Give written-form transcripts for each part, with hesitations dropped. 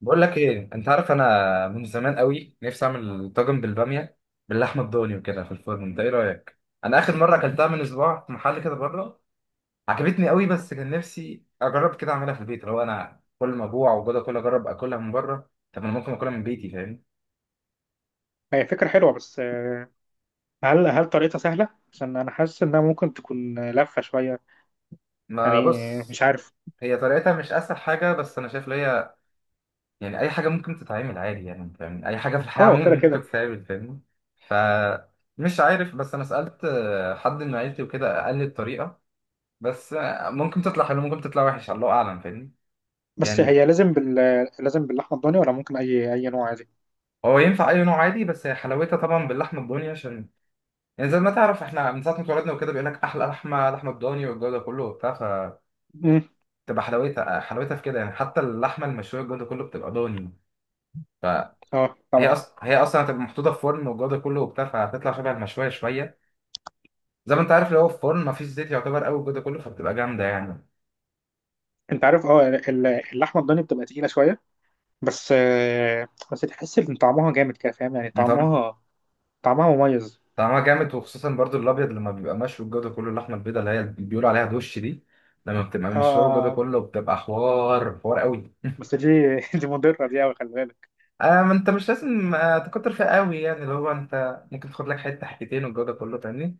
بقول لك ايه؟ انت عارف، انا من زمان قوي نفسي اعمل طاجن بالباميه باللحمه الضاني وكده في الفرن. انت ايه رايك؟ انا اخر مره اكلتها من اسبوع في محل كده بره، عجبتني قوي، بس كان نفسي اجرب كده اعملها في البيت. لو انا كل ما اجوع وجوده كل اجرب اكلها من بره، طب انا ممكن اكلها من بيتي، فاهم؟ هي فكرة حلوة، بس هل طريقتها سهلة؟ عشان أنا حاسس إنها ممكن تكون لفة شوية. ما يعني بص، مش عارف. هي طريقتها مش اسهل حاجه، بس انا شايف ان هي، يعني اي حاجه ممكن تتعمل عادي، يعني فاهم، اي حاجه في الحياه أه، عموما كده ممكن كده. تتعمل، فاهمني؟ ف مش عارف، بس انا سالت حد من عيلتي وكده قال لي الطريقه. بس ممكن تطلع حلو، ممكن تطلع وحش، الله اعلم، فاهمني. بس يعني هي لازم باللحمة الضاني، ولا ممكن أي نوع عادي؟ هو ينفع اي نوع عادي، بس هي حلاوتها طبعا باللحمه الضاني، عشان يعني زي ما تعرف احنا من ساعه ما اتولدنا وكده بيقول لك احلى لحمه الضاني والجو ده كله وبتاع، فتبقى مم. حلاوتها في كده، يعني حتى اللحمه المشويه والجو ده كله بتبقى ضاني. فهي أه، طبعا. اصلا هتبقى محطوطه في فرن والجو ده كله وبتاع، فهتطلع شبه المشويه شويه، زي ما انت عارف اللي هو في فرن مفيش زيت يعتبر قوي والجو ده كله، فبتبقى جامده يعني. أنت عارف، اللحمة الضاني بتبقى تقيلة شوية. بس بس تحس إن طعمها جامد كده، فاهم؟ يعني انت طعمها مميز. طعمها جامد، وخصوصا برضو الابيض لما بيبقى مشوي الجو ده كله، اللحمه البيضاء اللي هي اللي بيقولوا عليها دوش دي، لما بتبقى مشويه الجو ده أه، كله بتبقى حوار قوي. بس دي دي مضرة دي أوي، خلي بالك. آه، ما انت مش لازم تكتر فيها قوي، يعني اللي هو انت ممكن تاخد لك حته حتتين والجو ده كله، فاهمني.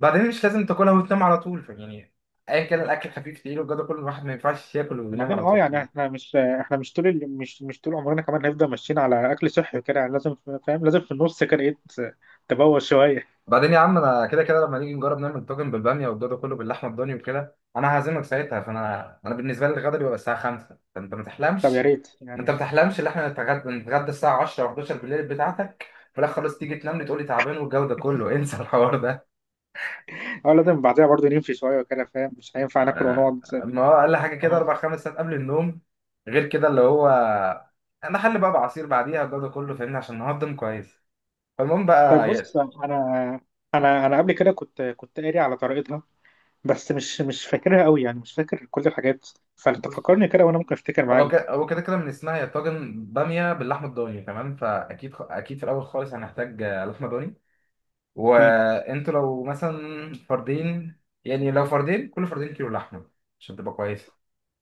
بعدين مش لازم تاكلها وتنام على طول يعني، ايا كان الاكل خفيف تقيل والجو ده كله، الواحد ما ينفعش ياكل وينام بعدين، على يعني طول. احنا مش مش طول عمرنا كمان هنفضل ماشيين على اكل صحي كده، يعني لازم فاهم، لازم في النص كده ايه تبوظ شويه. بعدين يا عم، انا كده كده لما نيجي نجرب نعمل طاجن بالباميه والجدو كله باللحمه الضاني وكده انا هعزمك ساعتها، فانا بالنسبه لي الغدا بيبقى الساعه 5، فانت ما طب يا تحلمش، ريت انت ما يعني. تحلمش ان احنا نتغدى الساعه 10 و11 بالليل بتاعتك، في الاخر خلاص تيجي تنام لي تقول لي تعبان والجو ده كله انسى الحوار ده. اه، لازم بعدها برضه نمشي شويه كده، فاهم، مش هينفع ناكل آه، ونقعد. ما هو اقل حاجه كده اه، اربع خمس ساعات قبل النوم، غير كده اللي هو انا حل بقى بعصير بعديها والجو ده كله فاهمني، عشان نهضم كويس. فالمهم طيب، بقى، بص، انا قبل كده كنت قاري على طريقتها. بس مش فاكرها قوي، يعني مش فاكر كل الحاجات. فانت بص، فكرني كده وانا ممكن افتكر معاك هو ك- برضه. هو كده كده من اسمها يا طاجن باميه باللحمه الضاني تمام، فاكيد اكيد في الاول خالص هنحتاج لحمه ضاني. مم. وانتوا لو مثلا فردين، يعني لو فردين كل فردين كيلو لحمه عشان تبقى كويسه.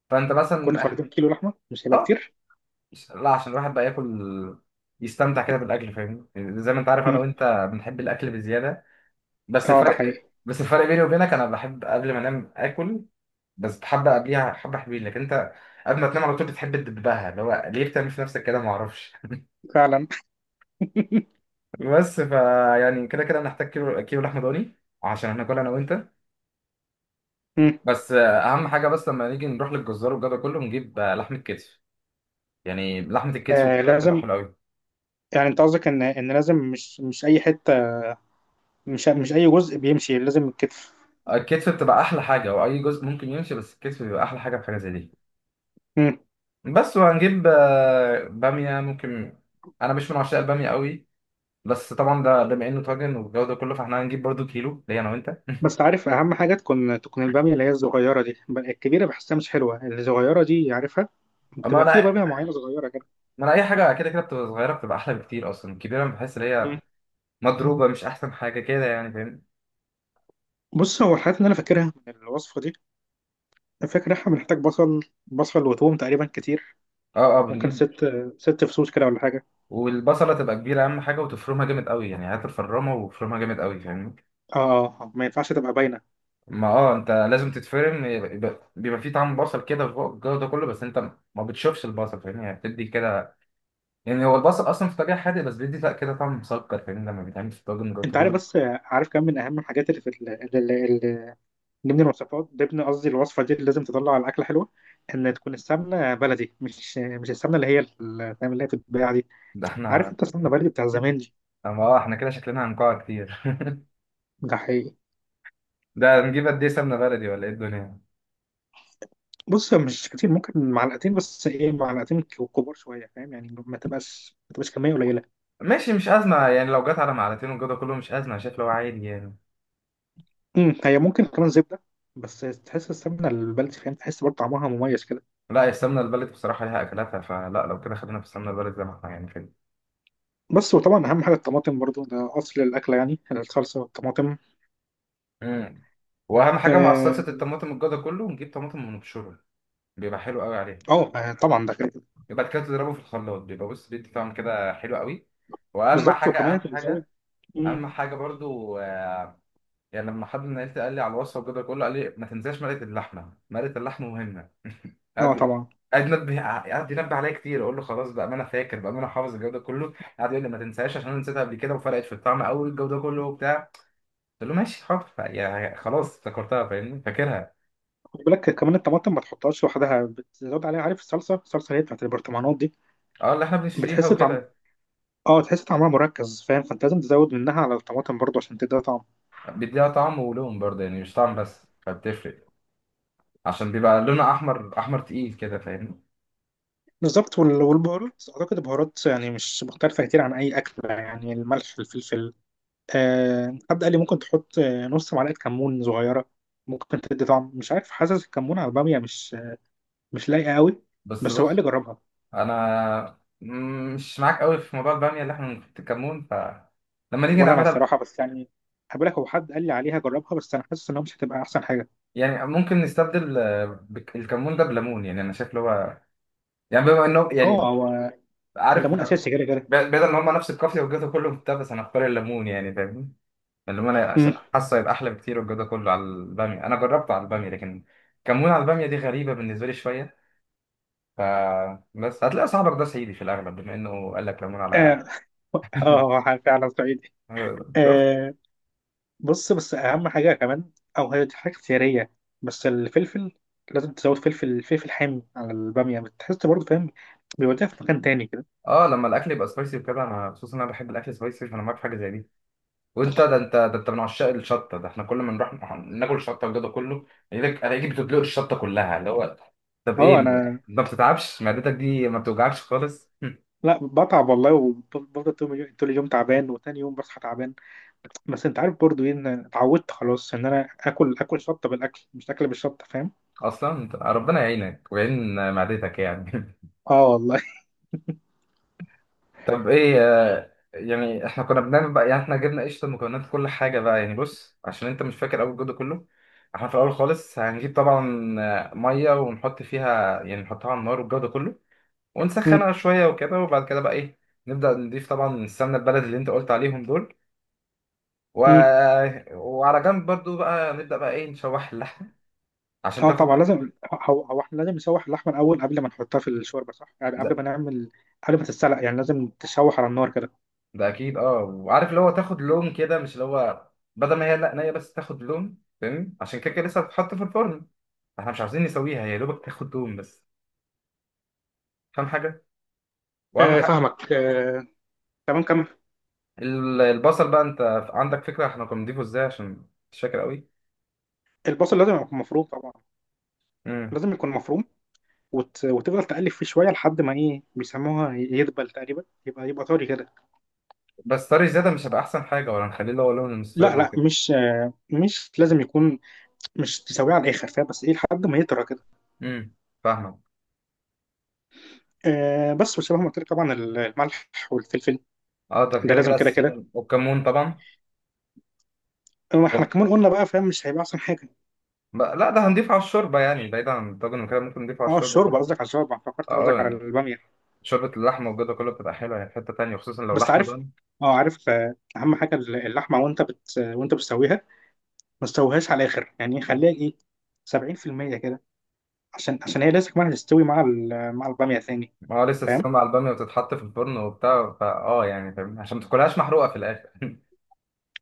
فانت كل مثلا فردين كيلو لحمه مش هيبقى اه كتير؟ لا، عشان الواحد بقى ياكل يستمتع كده بالاكل، فاهمني، يعني زي ما انت عارف انا مم. وانت بنحب الاكل بزياده. بس اه، ده الفرق حقيقي. بس الفرق بيني وبينك، انا بحب قبل ما انام اكل بس حبه قبليها، حبه حلوين، لكن انت قبل ما تنام على طول بتحب تدبها، اللي هو ليه بتعمل في نفسك كده؟ ما اعرفش. فعلا. بس فا يعني كده كده هنحتاج كيلو لحمه ضاني عشان هناكل انا وانت. مم. بس اهم حاجه، بس لما نيجي نروح للجزار والجو ده كله نجيب لحمه كتف، يعني لحمه الكتف آه، وكده بتبقى لازم. حلوه قوي. يعني انت قصدك ان لازم مش اي حته، مش اي جزء بيمشي، لازم الكتف. الكتف بتبقى احلى حاجه، واي جزء ممكن يمشي، بس الكتف بيبقى احلى حاجه في حاجه زي دي. مم. بس وهنجيب باميه ممكن، انا مش من عشاق الباميه قوي، بس طبعا ده بما انه طاجن والجو ده كله، فاحنا هنجيب برضو كيلو ليا انا وانت. بس عارف، اهم حاجه تكون الباميه اللي هي الصغيره دي. الكبيره بحسها مش حلوه، الصغيره دي عارفها. اما بتبقى في انا باميه معينه صغيره كده. ما انا اي حاجه كده كده بتبقى صغيره بتبقى احلى بكتير، اصلا الكبيره بحس ان هي مم. مضروبه، مش احسن حاجه كده يعني فاهمني. بص، هو الحاجات اللي انا فاكرها من الوصفه دي. فاكر احنا بنحتاج بصل، بصل وتوم تقريبا كتير. اه اه ممكن بنجيب. ست فصوص كده ولا حاجه. والبصله تبقى كبيره اهم حاجه، وتفرمها جامد قوي، يعني هات الفرامه وفرمها جامد قوي فاهمني. اه. ما ينفعش تبقى باينه. ما اه، انت لازم تتفرم، بيبقى فيه طعم بصل كده والجو ده كله، بس انت ما بتشوفش البصل فاهمني، يعني بتدي كده، يعني هو البصل اصلا في طبيعه حادق بس بيدي لا كده طعم مسكر، فاهمني، لما بيتعمل في الطاجن والجو انت ده عارف، كله. بس عارف كم من اهم الحاجات اللي في ضمن الوصفات، ضمن قصدي الوصفة دي، اللي لازم تطلع على الأكلة حلوة، إن تكون السمنة بلدي، مش السمنة اللي هي فاهم، اللي هي بتتباع دي. ده عارف احنا أنت السمنة بلدي بتاع زمان دي. اما اه، احنا كده شكلنا هنقع كتير. ده حقيقي. ده نجيب قد ايه سمنه بلدي ولا ايه الدنيا؟ بص، مش كتير، ممكن معلقتين. بس إيه، معلقتين كبار شوية، فاهم، يعني ما تبقاش كمية قليلة. ماشي مش ازمه، يعني لو جت على معلقتين والجو ده كله مش ازمه، شايف، لو عادي يعني. هي ممكن كمان زبدة. بس تحس السمنة البلدي، فاهم، تحس برضه طعمها مميز كده. لا، يا السمنة البلدي بصراحة ليها أكلاتها، فلا لو كده خلينا في السمنة البلدي زي ما احنا يعني كده. بس وطبعا أهم حاجة الطماطم برضه، ده أصل الأكلة يعني، الصلصة والطماطم. امم. وأهم حاجة مع صلصة آه. الطماطم الجودة كله نجيب طماطم ونبشره، بيبقى حلو قوي عليه. طبعا ده كده. يبقى بعد كده تضربه في الخلاط بيبقى بص بيدي طعم كده حلو قوي. وأهم بالظبط، حاجة، وكمان أهم أنت بتزود. حاجة أمم. أهم حاجة برضو، يعني لما حد من عيلتي قال لي على الوصفه وكده كله، قال لي ما تنساش مرقه اللحمه، مرقه اللحمه مهمه. اه، قعد طبعا. قعد ينبه عليا كتير، اقول له خلاص بقى ما انا فاكر بقى، ما انا حافظ الجو ده كله، قعد يقول لي ما تنساش، عشان انا نسيتها قبل كده وفرقت في الطعم قوي الجو ده كله وبتاع. قلت له ماشي حاضر، يعني خلاص افتكرتها فاهمني، فاكرها. خد بالك كمان الطماطم ما تحطهاش لوحدها، بتزود عليها، عارف، الصلصه اللي هي بتاعت البرطمانات دي. اه، اللي احنا بنشتريها بتحس طعم. وكده. اه، تحس طعمها مركز، فاهم، فانت لازم تزود منها على الطماطم برضه عشان تدي طعم. بيديها طعم ولون برضه، يعني مش طعم بس، فبتفرق، عشان بيبقى لونها احمر تقيل كده فاهمني. بالظبط. والبهارات، اعتقد البهارات يعني مش مختلفه كتير عن اي اكل، يعني الملح، الفلفل. آه، حد قال لي ممكن تحط نص معلقه كمون صغيره. ممكن تدي طعم، مش عارف، حاسس الكمون على الباميه مش لايقه قوي. بس بس هو قال لي بص، جربها. انا مش معاك قوي في موضوع الباميه اللي احنا بنحط الكمون لما نيجي ولا انا نعملها الصراحه، بس يعني، هقول لك، هو حد قال لي عليها جربها، بس انا حاسس انها مش هتبقى احسن حاجه. يعني ممكن نستبدل الكمون ده بليمون، يعني انا شايف اللي هو، يعني بما انه هو يعني، هو عارف، الليمون اساسي كده كده. بدل ان هم نفس القافيه والجو ده كله وبتاع، بس انا هختار الليمون يعني فاهمني. الليمون أنا مم. حاسه يبقى احلى بكتير والجو ده كله على الباميه، انا جربته على الباميه، لكن كمون على الباميه دي غريبه بالنسبه لي شويه. ف بس هتلاقي صاحبك ده صعيدي في الاغلب بما انه قال لك ليمون على. اه، هو فعلا صعيدي. شفت؟ آه. بص، بس اهم حاجه كمان، او هي دي حاجه اختياريه، بس الفلفل، لازم تزود فلفل حامي على الباميه، بتحس برضه، فاهم، بيوديها في مكان تاني كده. اه، لما الاكل يبقى سبايسي وكده انا خصوصا انا بحب الاكل سبايسي، فانا معاك في حاجه زي دي. وانت ده انت من عشاق الشطه، ده احنا كل ما نروح ناكل شطه وجدا كله، الاقيك بتدلق الشطه كلها، اللي هو طب ايه؟ اه انا ما بتتعبش معدتك دي؟ ما بتوجعكش خالص؟ لا، بتعب والله وبفضل طول اليوم طول اليوم تعبان، وتاني يوم بصحى تعبان. بس انت عارف برضه ايه؟ ان اتعودت خلاص، ان انا اكل شطه بالاكل، مش اكل بالشطه، فاهم. اصلا ربنا يعينك ويعين معدتك يعني. اه، والله. طب ايه يعني احنا كنا بنعمل بقى، يعني احنا جبنا قشطه مكونات كل حاجه بقى يعني، بص عشان انت مش فاكر اول الجو كله. احنا في الاول خالص هنجيب طبعا ميه ونحط فيها يعني، نحطها على النار والجو ده كله ونسخنها شويه وكده، وبعد كده بقى ايه، نبدا نضيف طبعا السمنه البلدي اللي انت قلت عليهم دول. و... وعلى جنب برضو بقى نبدا بقى ايه نشوح اللحمه عشان اه، تاخد. طبعا لازم هو هو احنا لازم نشوح اللحمه الاول قبل ما نحطها في الشوربه، صح؟ يعني ده قبل ما نعمل، قبل ما تتسلق يعني، لازم تشوح على النار كده. ده اكيد، اه، وعارف اللي هو تاخد لون كده، مش اللي هو بدل ما هي لا نيه، بس تاخد لون، فاهم، عشان كده كده لسه هتتحط في الفرن، احنا مش عاوزين نسويها، هي يا دوبك تاخد دهون بس، فاهم حاجه. واهم آه، حاجه، فاهمك، آه. تمام، كمل. البصل بقى، انت عندك فكره احنا كنا بنضيفه ازاي؟ عشان مش فاكر قوي. البصل لازم يكون مفروم طبعا. امم. لازم يكون مفروم. وتفضل تقلب فيه شويه لحد ما ايه بيسموها، يدبل تقريبا، يبقى طري كده. بس طري زياده مش هيبقى احسن حاجه، ولا نخليه اللي هو لون لا، المصفر لا، وكده؟ مش لازم يكون، مش تسويه على الاخر، فاهم، بس ايه، لحد ما يطرى كده. امم، فاهمك. آه، بس وشبه ما قلت لك طبعا، الملح والفلفل. اه ده ده كده لازم كده كده كده. اساسيين، والكمون طبعا. احنا طب كمان قلنا بقى، فاهم، مش هيبقى احسن حاجه. لا ده هنضيفه على الشوربه يعني، بعيدا عن الطاجن وكده ممكن نضيفه على اه، الشوربه الشوربه، خلاص. قصدك على الشوربه؟ فكرت اه قصدك على يعني الباميه. شوربه اللحمه والجبنه كله بتبقى حلوه يعني في حته تانيه، خصوصا لو بس لحمه عارف، ضاني. اه عارف، اهم حاجه اللحمه، وانت وانت بتسويها ما تسويهاش على الاخر، يعني خليها ايه، 70% كده، عشان هي لازم كمان تستوي مع الباميه ثاني. ما هو لسه فاهم، السوا مع الباميه وتتحط في الفرن وبتاع، فاه يعني فاهم، عشان ما تاكلهاش محروقه في الاخر.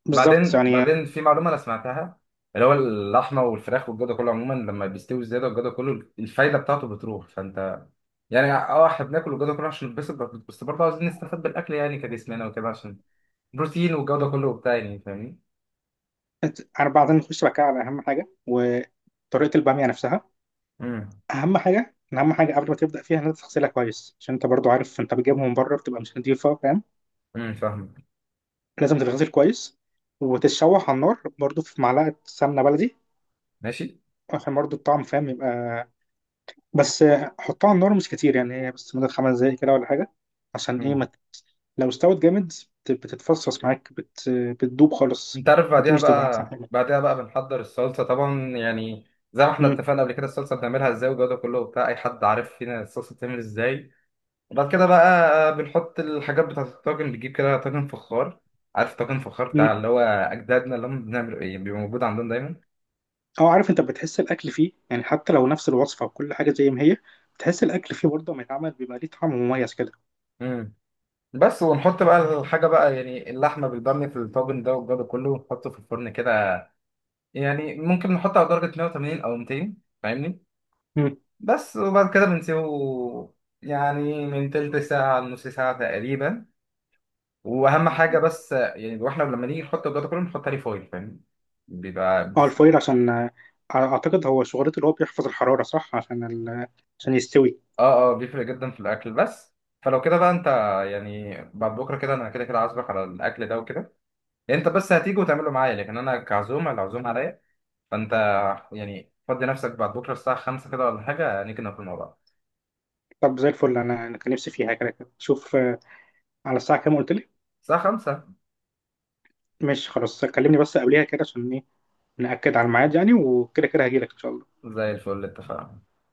بالظبط بعدين يعني. بعدين في معلومه انا سمعتها، اللي هو اللحمه والفراخ والجدر كله عموما لما بيستوي زياده والجدر كله الفايده بتاعته بتروح، فانت يعني اه احنا بناكل والجدر كله عشان نتبسط، بس برضه عايزين نستفاد بالاكل يعني كجسمنا وكده، عشان بروتين والجوده كله وبتاع يعني فاهمني. انا بعدين نخش بقى كده على اهم حاجه، وطريقه الباميه نفسها. امم. اهم حاجه قبل ما تبدا فيها، ان انت تغسلها كويس عشان انت برضو عارف، انت بتجيبها من بره بتبقى مش نضيفه، فاهم. فاهم لازم تتغسل كويس، وتتشوح على النار برضو في معلقه سمنه بلدي، ماشي عشان برضو الطعم، فاهم، يبقى بس حطها على النار مش كتير، يعني هي بس مدة 5 دقايق كده ولا حاجة. عشان ايه مم. ما، لو استوت جامد بتتفصص معاك، بتدوب خالص. انت عارف، ودي بعديها مش تبقى أحسن بقى، حاجة. بعدها بقى بنحضر الصلصه طبعا يعني، زي ما احنا مم. اتفقنا قبل كده الصلصه بنعملها ازاي والجوده كله وبتاع، اي حد عارف فينا الصلصه بتعمل ازاي. وبعد كده بقى بنحط الحاجات بتاعة الطاجن، بنجيب كده طاجن فخار. عارف طاجن فخار بتاع مم. اللي هو أجدادنا اللي هم بنعمل إيه، بيبقى موجود عندهم دايما. اه، عارف، انت بتحس الاكل فيه، يعني حتى لو نفس الوصفة وكل حاجة زي ما هي، بتحس الاكل فيه برضه لما يتعمل بيبقى ليه طعم مميز كده. امم. بس ونحط بقى الحاجة بقى يعني، اللحمة بالبامية في الطاجن ده والجو ده كله ونحطه في الفرن كده، يعني ممكن نحطه على درجة 180 أو 200 فاهمني. مم. بس وبعد كده بنسيبه يعني من تلت ساعة لنص ساعة تقريبا. وأهم حاجة بس، يعني واحنا لما نيجي نحط الجو ده كله بنحط عليه فويل فاهمني. بيبقى اه، الفويل عشان اعتقد هو شغلته اللي هو بيحفظ الحرارة، صح، عشان عشان يستوي. اه اه بيفرق جدا في الاكل. بس فلو كده بقى انت، يعني بعد بكره كده انا كده كده عازمك على الاكل ده وكده، يعني انت بس هتيجي وتعمله معايا، لكن انا كعزومه العزومه عليا. فانت يعني فضي نفسك بعد بكره الساعه 5 كده ولا حاجه، نيجي ناكل مع بعض. طب زي الفل، انا كان نفسي فيها كده كده. شوف، على الساعة كام قلت لي؟ الساعه 5، ماشي، خلاص، كلمني بس قبليها كده عشان ايه، نأكد على الميعاد يعني، وكده كده هجيلك ان شاء الله. زي الفل، اتفقنا.